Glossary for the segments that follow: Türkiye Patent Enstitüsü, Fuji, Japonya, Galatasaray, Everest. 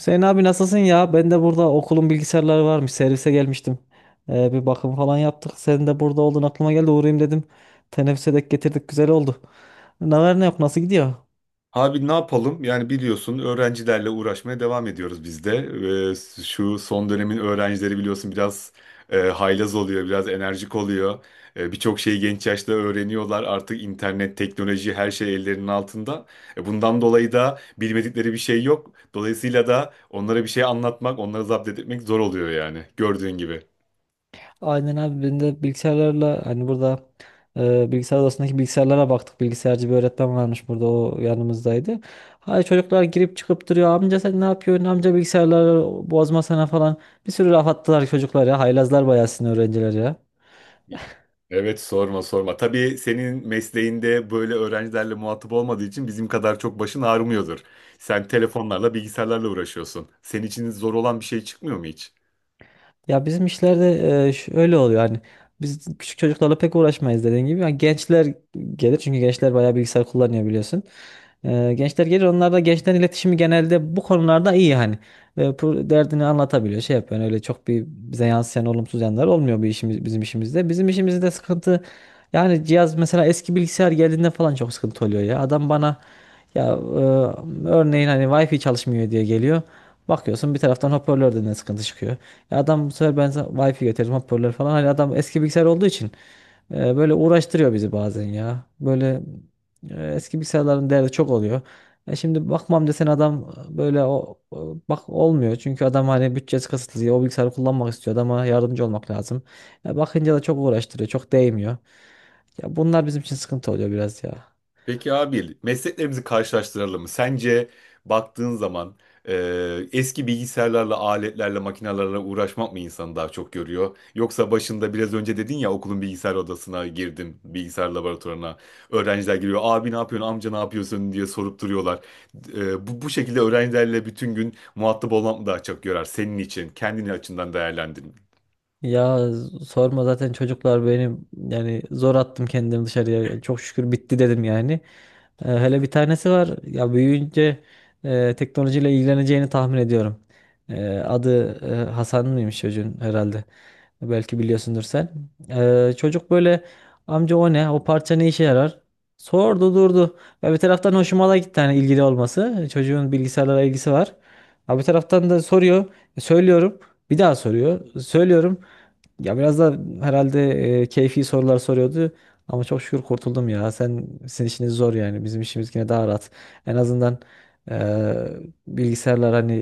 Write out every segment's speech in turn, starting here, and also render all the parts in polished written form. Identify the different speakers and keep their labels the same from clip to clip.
Speaker 1: Hüseyin abi nasılsın ya? Ben de burada okulun bilgisayarları varmış. Servise gelmiştim. Bir bakım falan yaptık. Senin de burada olduğun aklıma geldi. Uğrayayım dedim. Teneffüse dek getirdik. Güzel oldu. Ne var ne yok? Nasıl gidiyor?
Speaker 2: Abi ne yapalım? Yani biliyorsun öğrencilerle uğraşmaya devam ediyoruz biz de. Şu son dönemin öğrencileri biliyorsun biraz haylaz oluyor, biraz enerjik oluyor. Birçok şeyi genç yaşta öğreniyorlar. Artık internet, teknoloji her şey ellerinin altında. Bundan dolayı da bilmedikleri bir şey yok. Dolayısıyla da onlara bir şey anlatmak, onları zapt etmek zor oluyor yani gördüğün gibi.
Speaker 1: Aynen abi ben de bilgisayarlarla hani burada bilgisayar odasındaki bilgisayarlara baktık. Bilgisayarcı bir öğretmen varmış burada, o yanımızdaydı. Hay, çocuklar girip çıkıp duruyor. Amca sen ne yapıyorsun? Amca bilgisayarları bozmasana falan. Bir sürü laf attılar çocuklar ya. Haylazlar bayağı sizin öğrenciler ya.
Speaker 2: Evet, sorma sorma. Tabii senin mesleğinde böyle öğrencilerle muhatap olmadığı için bizim kadar çok başın ağrımıyordur. Sen telefonlarla, bilgisayarlarla uğraşıyorsun. Senin için zor olan bir şey çıkmıyor mu hiç?
Speaker 1: Ya bizim işlerde şöyle oluyor: hani biz küçük çocuklarla pek uğraşmayız, dediğin gibi. Yani gençler gelir, çünkü gençler bayağı bilgisayar kullanıyor biliyorsun. Gençler gelir, onlar da gençlerin iletişimi genelde bu konularda iyi hani. Derdini anlatabiliyor, şey yapıyor. Yani öyle çok bir bize yansıyan olumsuz yanlar olmuyor bizim işimizde. Bizim işimizde sıkıntı, yani cihaz mesela eski bilgisayar geldiğinde falan çok sıkıntı oluyor ya. Adam bana ya, örneğin hani Wi-Fi çalışmıyor diye geliyor. Bakıyorsun bir taraftan hoparlörden de sıkıntı çıkıyor. Adam, bu sefer ben sana Wi-Fi getirdim, hoparlör falan. Hani adam eski bilgisayar olduğu için böyle uğraştırıyor bizi bazen ya. Böyle eski bilgisayarların değeri çok oluyor. Şimdi bakmam desen adam, böyle bak olmuyor. Çünkü adam hani bütçesi kısıtlı. O bilgisayarı kullanmak istiyor. Adama yardımcı olmak lazım. Bakınca da çok uğraştırıyor. Çok değmiyor. Ya bunlar bizim için sıkıntı oluyor biraz ya.
Speaker 2: Peki abi mesleklerimizi karşılaştıralım mı? Sence baktığın zaman e, eski bilgisayarlarla, aletlerle, makinelerle uğraşmak mı insanı daha çok görüyor? Yoksa başında biraz önce dedin ya okulun bilgisayar odasına girdim, bilgisayar laboratuvarına. Öğrenciler giriyor abi ne yapıyorsun, amca ne yapıyorsun diye sorup duruyorlar. Bu şekilde öğrencilerle bütün gün muhatap olmak mı daha çok görer senin için? Kendini açından değerlendirin.
Speaker 1: Ya, sorma, zaten çocuklar benim, yani zor attım kendimi dışarıya. Çok şükür bitti dedim yani. Hele bir tanesi var. Ya büyüyünce teknolojiyle ilgileneceğini tahmin ediyorum. Adı Hasan mıymış çocuğun, herhalde. Belki biliyorsundur sen. Çocuk böyle, amca o ne? O parça ne işe yarar? Sordu durdu. Ya bir taraftan hoşuma da gitti hani, ilgili olması. Çocuğun bilgisayarlara ilgisi var. Ha bir taraftan da soruyor. Söylüyorum. Bir daha soruyor. Söylüyorum. Ya biraz da herhalde keyfi sorular soruyordu. Ama çok şükür kurtuldum ya. Sizin işiniz zor yani. Bizim işimiz yine daha rahat. En azından e, bilgisayarlar hani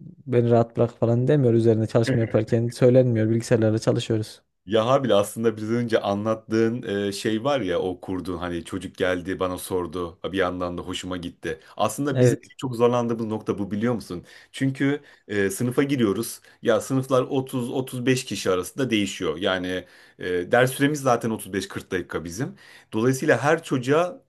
Speaker 1: beni rahat bırak falan demiyor, üzerine çalışma yaparken söylenmiyor, bilgisayarlarla çalışıyoruz.
Speaker 2: Yaha bile aslında biraz önce anlattığın şey var ya o kurduğun hani çocuk geldi bana sordu bir yandan da hoşuma gitti. Aslında bizim
Speaker 1: Evet.
Speaker 2: en çok zorlandığımız nokta bu biliyor musun? Çünkü sınıfa giriyoruz ya sınıflar 30-35 kişi arasında değişiyor. Yani ders süremiz zaten 35-40 dakika bizim. Dolayısıyla her çocuğa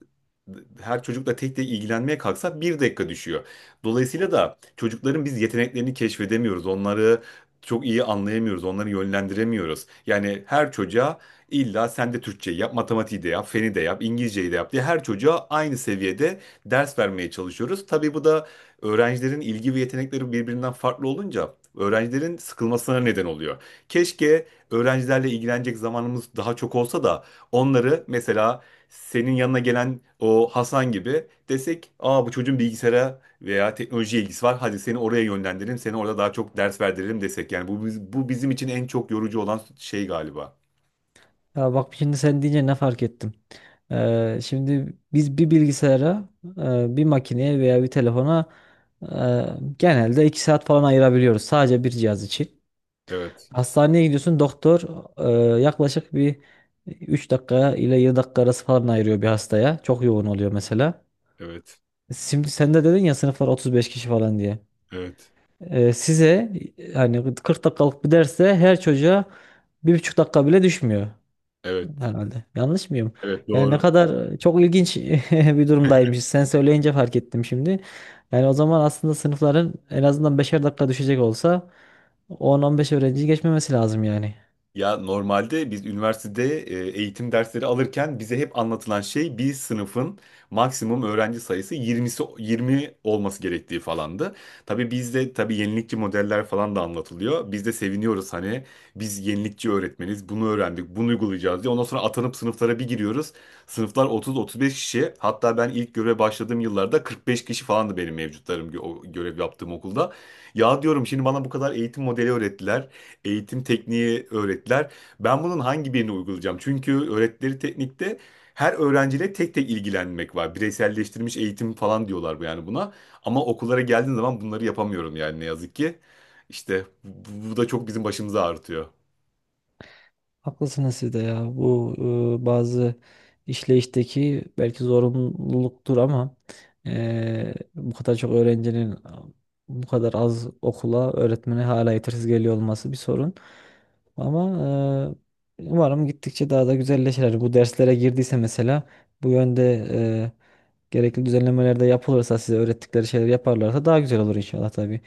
Speaker 2: her çocukla tek tek ilgilenmeye kalksak bir dakika düşüyor. Dolayısıyla da çocukların biz yeteneklerini keşfedemiyoruz. Onları çok iyi anlayamıyoruz, onları yönlendiremiyoruz. Yani her çocuğa illa sen de Türkçeyi yap, matematiği de yap, feni de yap, İngilizceyi de yap diye her çocuğa aynı seviyede ders vermeye çalışıyoruz. Tabii bu da öğrencilerin ilgi ve yetenekleri birbirinden farklı olunca öğrencilerin sıkılmasına neden oluyor. Keşke öğrencilerle ilgilenecek zamanımız daha çok olsa da onları mesela senin yanına gelen o Hasan gibi desek, "Aa bu çocuğun bilgisayara veya teknoloji ilgisi var. Hadi seni oraya yönlendirelim, seni orada daha çok ders verdirelim" desek. Yani bu bizim için en çok yorucu olan şey galiba.
Speaker 1: Ya bak, şimdi sen deyince ne fark ettim. Şimdi biz bir bilgisayara, bir makineye veya bir telefona e, genelde 2 saat falan ayırabiliyoruz sadece bir cihaz için.
Speaker 2: Evet,
Speaker 1: Hastaneye gidiyorsun, doktor yaklaşık bir 3 dakika ile 7 dakika arası falan ayırıyor bir hastaya. Çok yoğun oluyor mesela.
Speaker 2: evet,
Speaker 1: Şimdi sen de dedin ya, sınıflar 35 kişi falan diye.
Speaker 2: evet,
Speaker 1: Size hani 40 dakikalık bir derse her çocuğa 1,5 dakika bile düşmüyor
Speaker 2: evet,
Speaker 1: herhalde. Yanlış mıyım?
Speaker 2: evet, evet,
Speaker 1: Yani
Speaker 2: doğru.
Speaker 1: ne kadar çok ilginç bir durumdaymış. Sen söyleyince fark ettim şimdi. Yani o zaman aslında sınıfların en azından beşer dakika düşecek olsa 10-15 öğrenci geçmemesi lazım yani.
Speaker 2: Ya normalde biz üniversitede eğitim dersleri alırken bize hep anlatılan şey bir sınıfın maksimum öğrenci sayısı 20'si 20 olması gerektiği falandı. Tabii bizde tabii yenilikçi modeller falan da anlatılıyor. Biz de seviniyoruz hani biz yenilikçi öğretmeniz bunu öğrendik bunu uygulayacağız diye. Ondan sonra atanıp sınıflara bir giriyoruz. Sınıflar 30-35 kişi, hatta ben ilk göreve başladığım yıllarda 45 kişi falandı benim mevcutlarım o görev yaptığım okulda. Ya diyorum şimdi bana bu kadar eğitim modeli öğrettiler, eğitim tekniği öğrettiler. Ben bunun hangi birini uygulayacağım? Çünkü öğrettikleri teknikte her öğrenciyle tek tek ilgilenmek var. Bireyselleştirilmiş eğitim falan diyorlar bu yani buna. Ama okullara geldiğim zaman bunları yapamıyorum yani ne yazık ki. İşte bu da çok bizim başımızı ağrıtıyor.
Speaker 1: Haklısınız siz de ya. Bu bazı işleyişteki belki zorunluluktur, ama bu kadar çok öğrencinin, bu kadar az okula, öğretmene hala yetersiz geliyor olması bir sorun. Ama umarım gittikçe daha da güzelleşir. Yani bu derslere girdiyse mesela, bu yönde e, gerekli düzenlemeler de yapılırsa, size öğrettikleri şeyler yaparlarsa daha güzel olur inşallah tabii.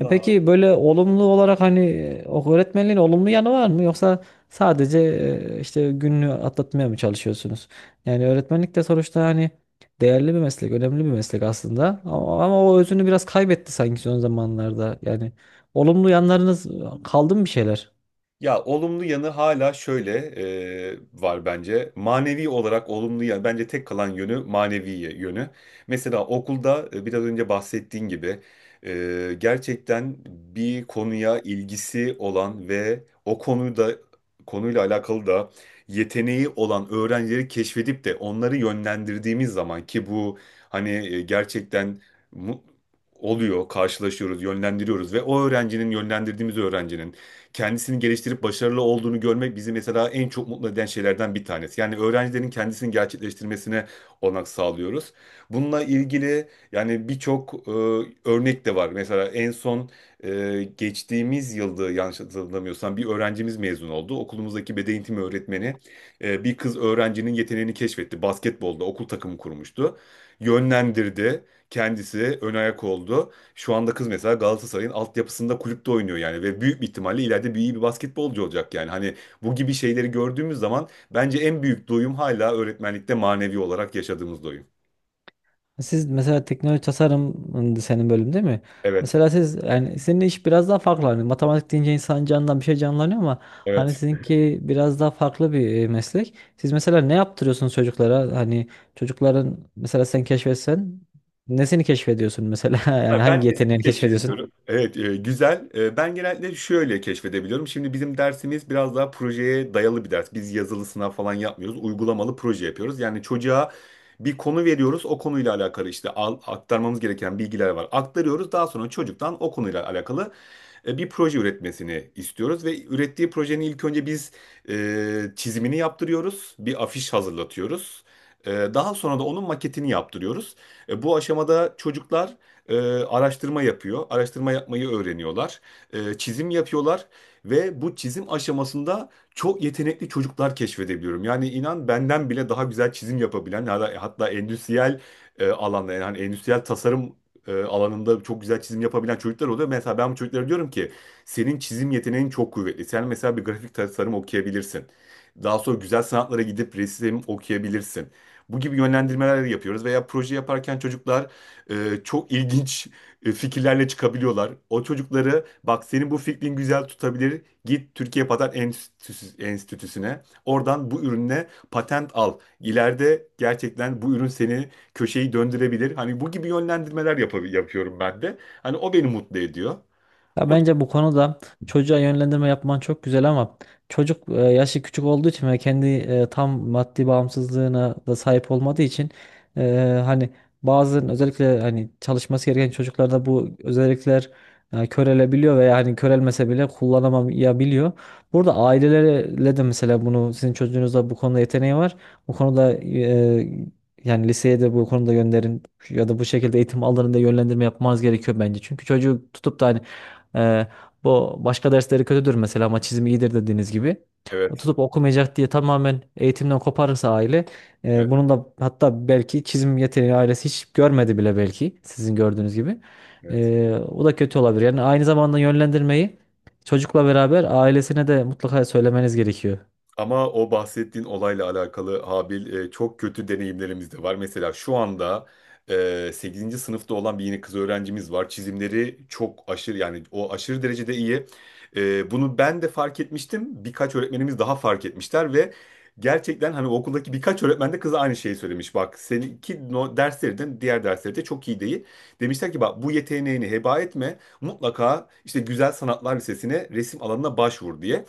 Speaker 1: Peki böyle olumlu olarak hani o öğretmenliğin olumlu yanı var mı? Yoksa sadece işte gününü atlatmaya mı çalışıyorsunuz? Yani öğretmenlik de sonuçta hani değerli bir meslek, önemli bir meslek aslında. Ama o özünü biraz kaybetti sanki son zamanlarda. Yani olumlu yanlarınız kaldı mı bir şeyler?
Speaker 2: Ya olumlu yanı hala şöyle var bence. Manevi olarak olumlu yanı bence tek kalan yönü manevi yönü. Mesela okulda biraz önce bahsettiğin gibi gerçekten bir konuya ilgisi olan ve o konuda konuyla alakalı da yeteneği olan öğrencileri keşfedip de onları yönlendirdiğimiz zaman ki bu hani gerçekten mu- oluyor, karşılaşıyoruz, yönlendiriyoruz ve o öğrencinin yönlendirdiğimiz öğrencinin kendisini geliştirip başarılı olduğunu görmek bizi mesela en çok mutlu eden şeylerden bir tanesi. Yani öğrencilerin kendisini gerçekleştirmesine olanak sağlıyoruz. Bununla ilgili yani birçok örnek de var. Mesela en son geçtiğimiz yılda yanlış hatırlamıyorsam bir öğrencimiz mezun oldu. Okulumuzdaki beden eğitimi öğretmeni bir kız öğrencinin yeteneğini keşfetti. Basketbolda okul takımı kurmuştu. Yönlendirdi. Kendisi ön ayak oldu. Şu anda kız mesela Galatasaray'ın altyapısında kulüpte oynuyor yani ve büyük bir ihtimalle ileride bir iyi bir basketbolcu olacak yani. Hani bu gibi şeyleri gördüğümüz zaman bence en büyük doyum hala öğretmenlikte manevi olarak yaşadığımız doyum.
Speaker 1: Siz mesela teknoloji tasarım, senin bölüm değil mi?
Speaker 2: Evet,
Speaker 1: Mesela siz, yani senin iş biraz daha farklı. Hani matematik deyince insan canından bir şey canlanıyor, ama hani
Speaker 2: evet.
Speaker 1: sizinki biraz daha farklı bir meslek. Siz mesela ne yaptırıyorsunuz çocuklara? Hani çocukların mesela sen keşfetsen, nesini keşfediyorsun mesela? Yani hangi
Speaker 2: Ben de seni
Speaker 1: yeteneğini keşfediyorsun?
Speaker 2: keşfediyorum. Evet, güzel. Ben genellikle şöyle keşfedebiliyorum. Şimdi bizim dersimiz biraz daha projeye dayalı bir ders. Biz yazılı sınav falan yapmıyoruz. Uygulamalı proje yapıyoruz. Yani çocuğa bir konu veriyoruz. O konuyla alakalı işte aktarmamız gereken bilgiler var. Aktarıyoruz. Daha sonra çocuktan o konuyla alakalı bir proje üretmesini istiyoruz ve ürettiği projenin ilk önce biz çizimini yaptırıyoruz, bir afiş hazırlatıyoruz. Daha sonra da onun maketini yaptırıyoruz. Bu aşamada çocuklar e, araştırma yapıyor. Araştırma yapmayı öğreniyorlar. Çizim yapıyorlar ve bu çizim aşamasında çok yetenekli çocuklar keşfedebiliyorum. Yani inan benden bile daha güzel çizim yapabilen, hatta endüstriyel alanda, yani hani endüstriyel tasarım alanında çok güzel çizim yapabilen çocuklar oluyor. Mesela ben bu çocuklara diyorum ki senin çizim yeteneğin çok kuvvetli. Sen mesela bir grafik tasarım okuyabilirsin. Daha sonra güzel sanatlara gidip resim okuyabilirsin. Bu gibi yönlendirmeler yapıyoruz veya proje yaparken çocuklar çok ilginç fikirlerle çıkabiliyorlar. O çocukları bak senin bu fikrin güzel tutabilir. Git Türkiye Patent Enstitüsü'ne. Oradan bu ürüne patent al. İleride gerçekten bu ürün seni köşeyi döndürebilir. Hani bu gibi yönlendirmeler yapıyorum ben de. Hani o beni mutlu ediyor.
Speaker 1: Ya
Speaker 2: O,
Speaker 1: bence bu konuda çocuğa yönlendirme yapman çok güzel, ama çocuk yaşı küçük olduğu için ve kendi tam maddi bağımsızlığına da sahip olmadığı için hani bazı, özellikle hani çalışması gereken çocuklarda bu özellikler körelebiliyor veya hani körelmese bile kullanamayabiliyor. Burada ailelerle de mesela, bunu sizin çocuğunuzda bu konuda yeteneği var. Bu konuda, yani liseye de bu konuda gönderin ya da bu şekilde eğitim alanında yönlendirme yapmanız gerekiyor bence. Çünkü çocuğu tutup da hani ee, bu başka dersleri kötüdür mesela, ama çizim iyidir, dediğiniz gibi. O
Speaker 2: evet,
Speaker 1: tutup okumayacak diye tamamen eğitimden koparırsa aile,
Speaker 2: evet,
Speaker 1: bunun da, hatta belki çizim yeteneği ailesi hiç görmedi bile, belki sizin gördüğünüz gibi.
Speaker 2: evet.
Speaker 1: O da kötü olabilir. Yani aynı zamanda yönlendirmeyi çocukla beraber ailesine de mutlaka söylemeniz gerekiyor.
Speaker 2: Ama o bahsettiğin olayla alakalı Habil, çok kötü deneyimlerimiz de var. Mesela şu anda 8. sınıfta olan bir yeni kız öğrencimiz var. Çizimleri çok aşırı, yani o aşırı derecede iyi. Bunu ben de fark etmiştim. Birkaç öğretmenimiz daha fark etmişler ve gerçekten hani okuldaki birkaç öğretmen de kıza aynı şeyi söylemiş. Bak seninki no, derslerden diğer dersleri de çok iyi değil. Demişler ki bak bu yeteneğini heba etme. Mutlaka işte Güzel Sanatlar Lisesi'ne resim alanına başvur diye.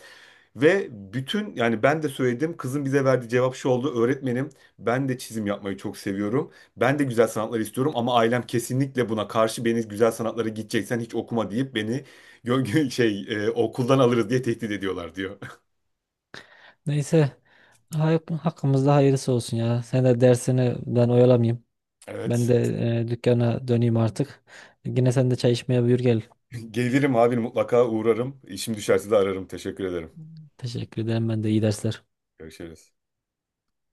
Speaker 2: Ve bütün, yani ben de söyledim, kızın bize verdiği cevap şu oldu. Öğretmenim, ben de çizim yapmayı çok seviyorum. Ben de güzel sanatlar istiyorum ama ailem kesinlikle buna karşı, beni güzel sanatlara gideceksen hiç okuma deyip beni şey, okuldan alırız diye tehdit ediyorlar diyor.
Speaker 1: Neyse, hakkımızda hayırlısı olsun ya. Sen de dersini, ben oyalamayayım. Ben
Speaker 2: Evet.
Speaker 1: de dükkana döneyim artık. Yine sen de çay içmeye buyur gel.
Speaker 2: Gelirim abi, mutlaka uğrarım. İşim düşerse de ararım. Teşekkür ederim.
Speaker 1: Teşekkür ederim. Ben de iyi dersler.
Speaker 2: Görüşürüz.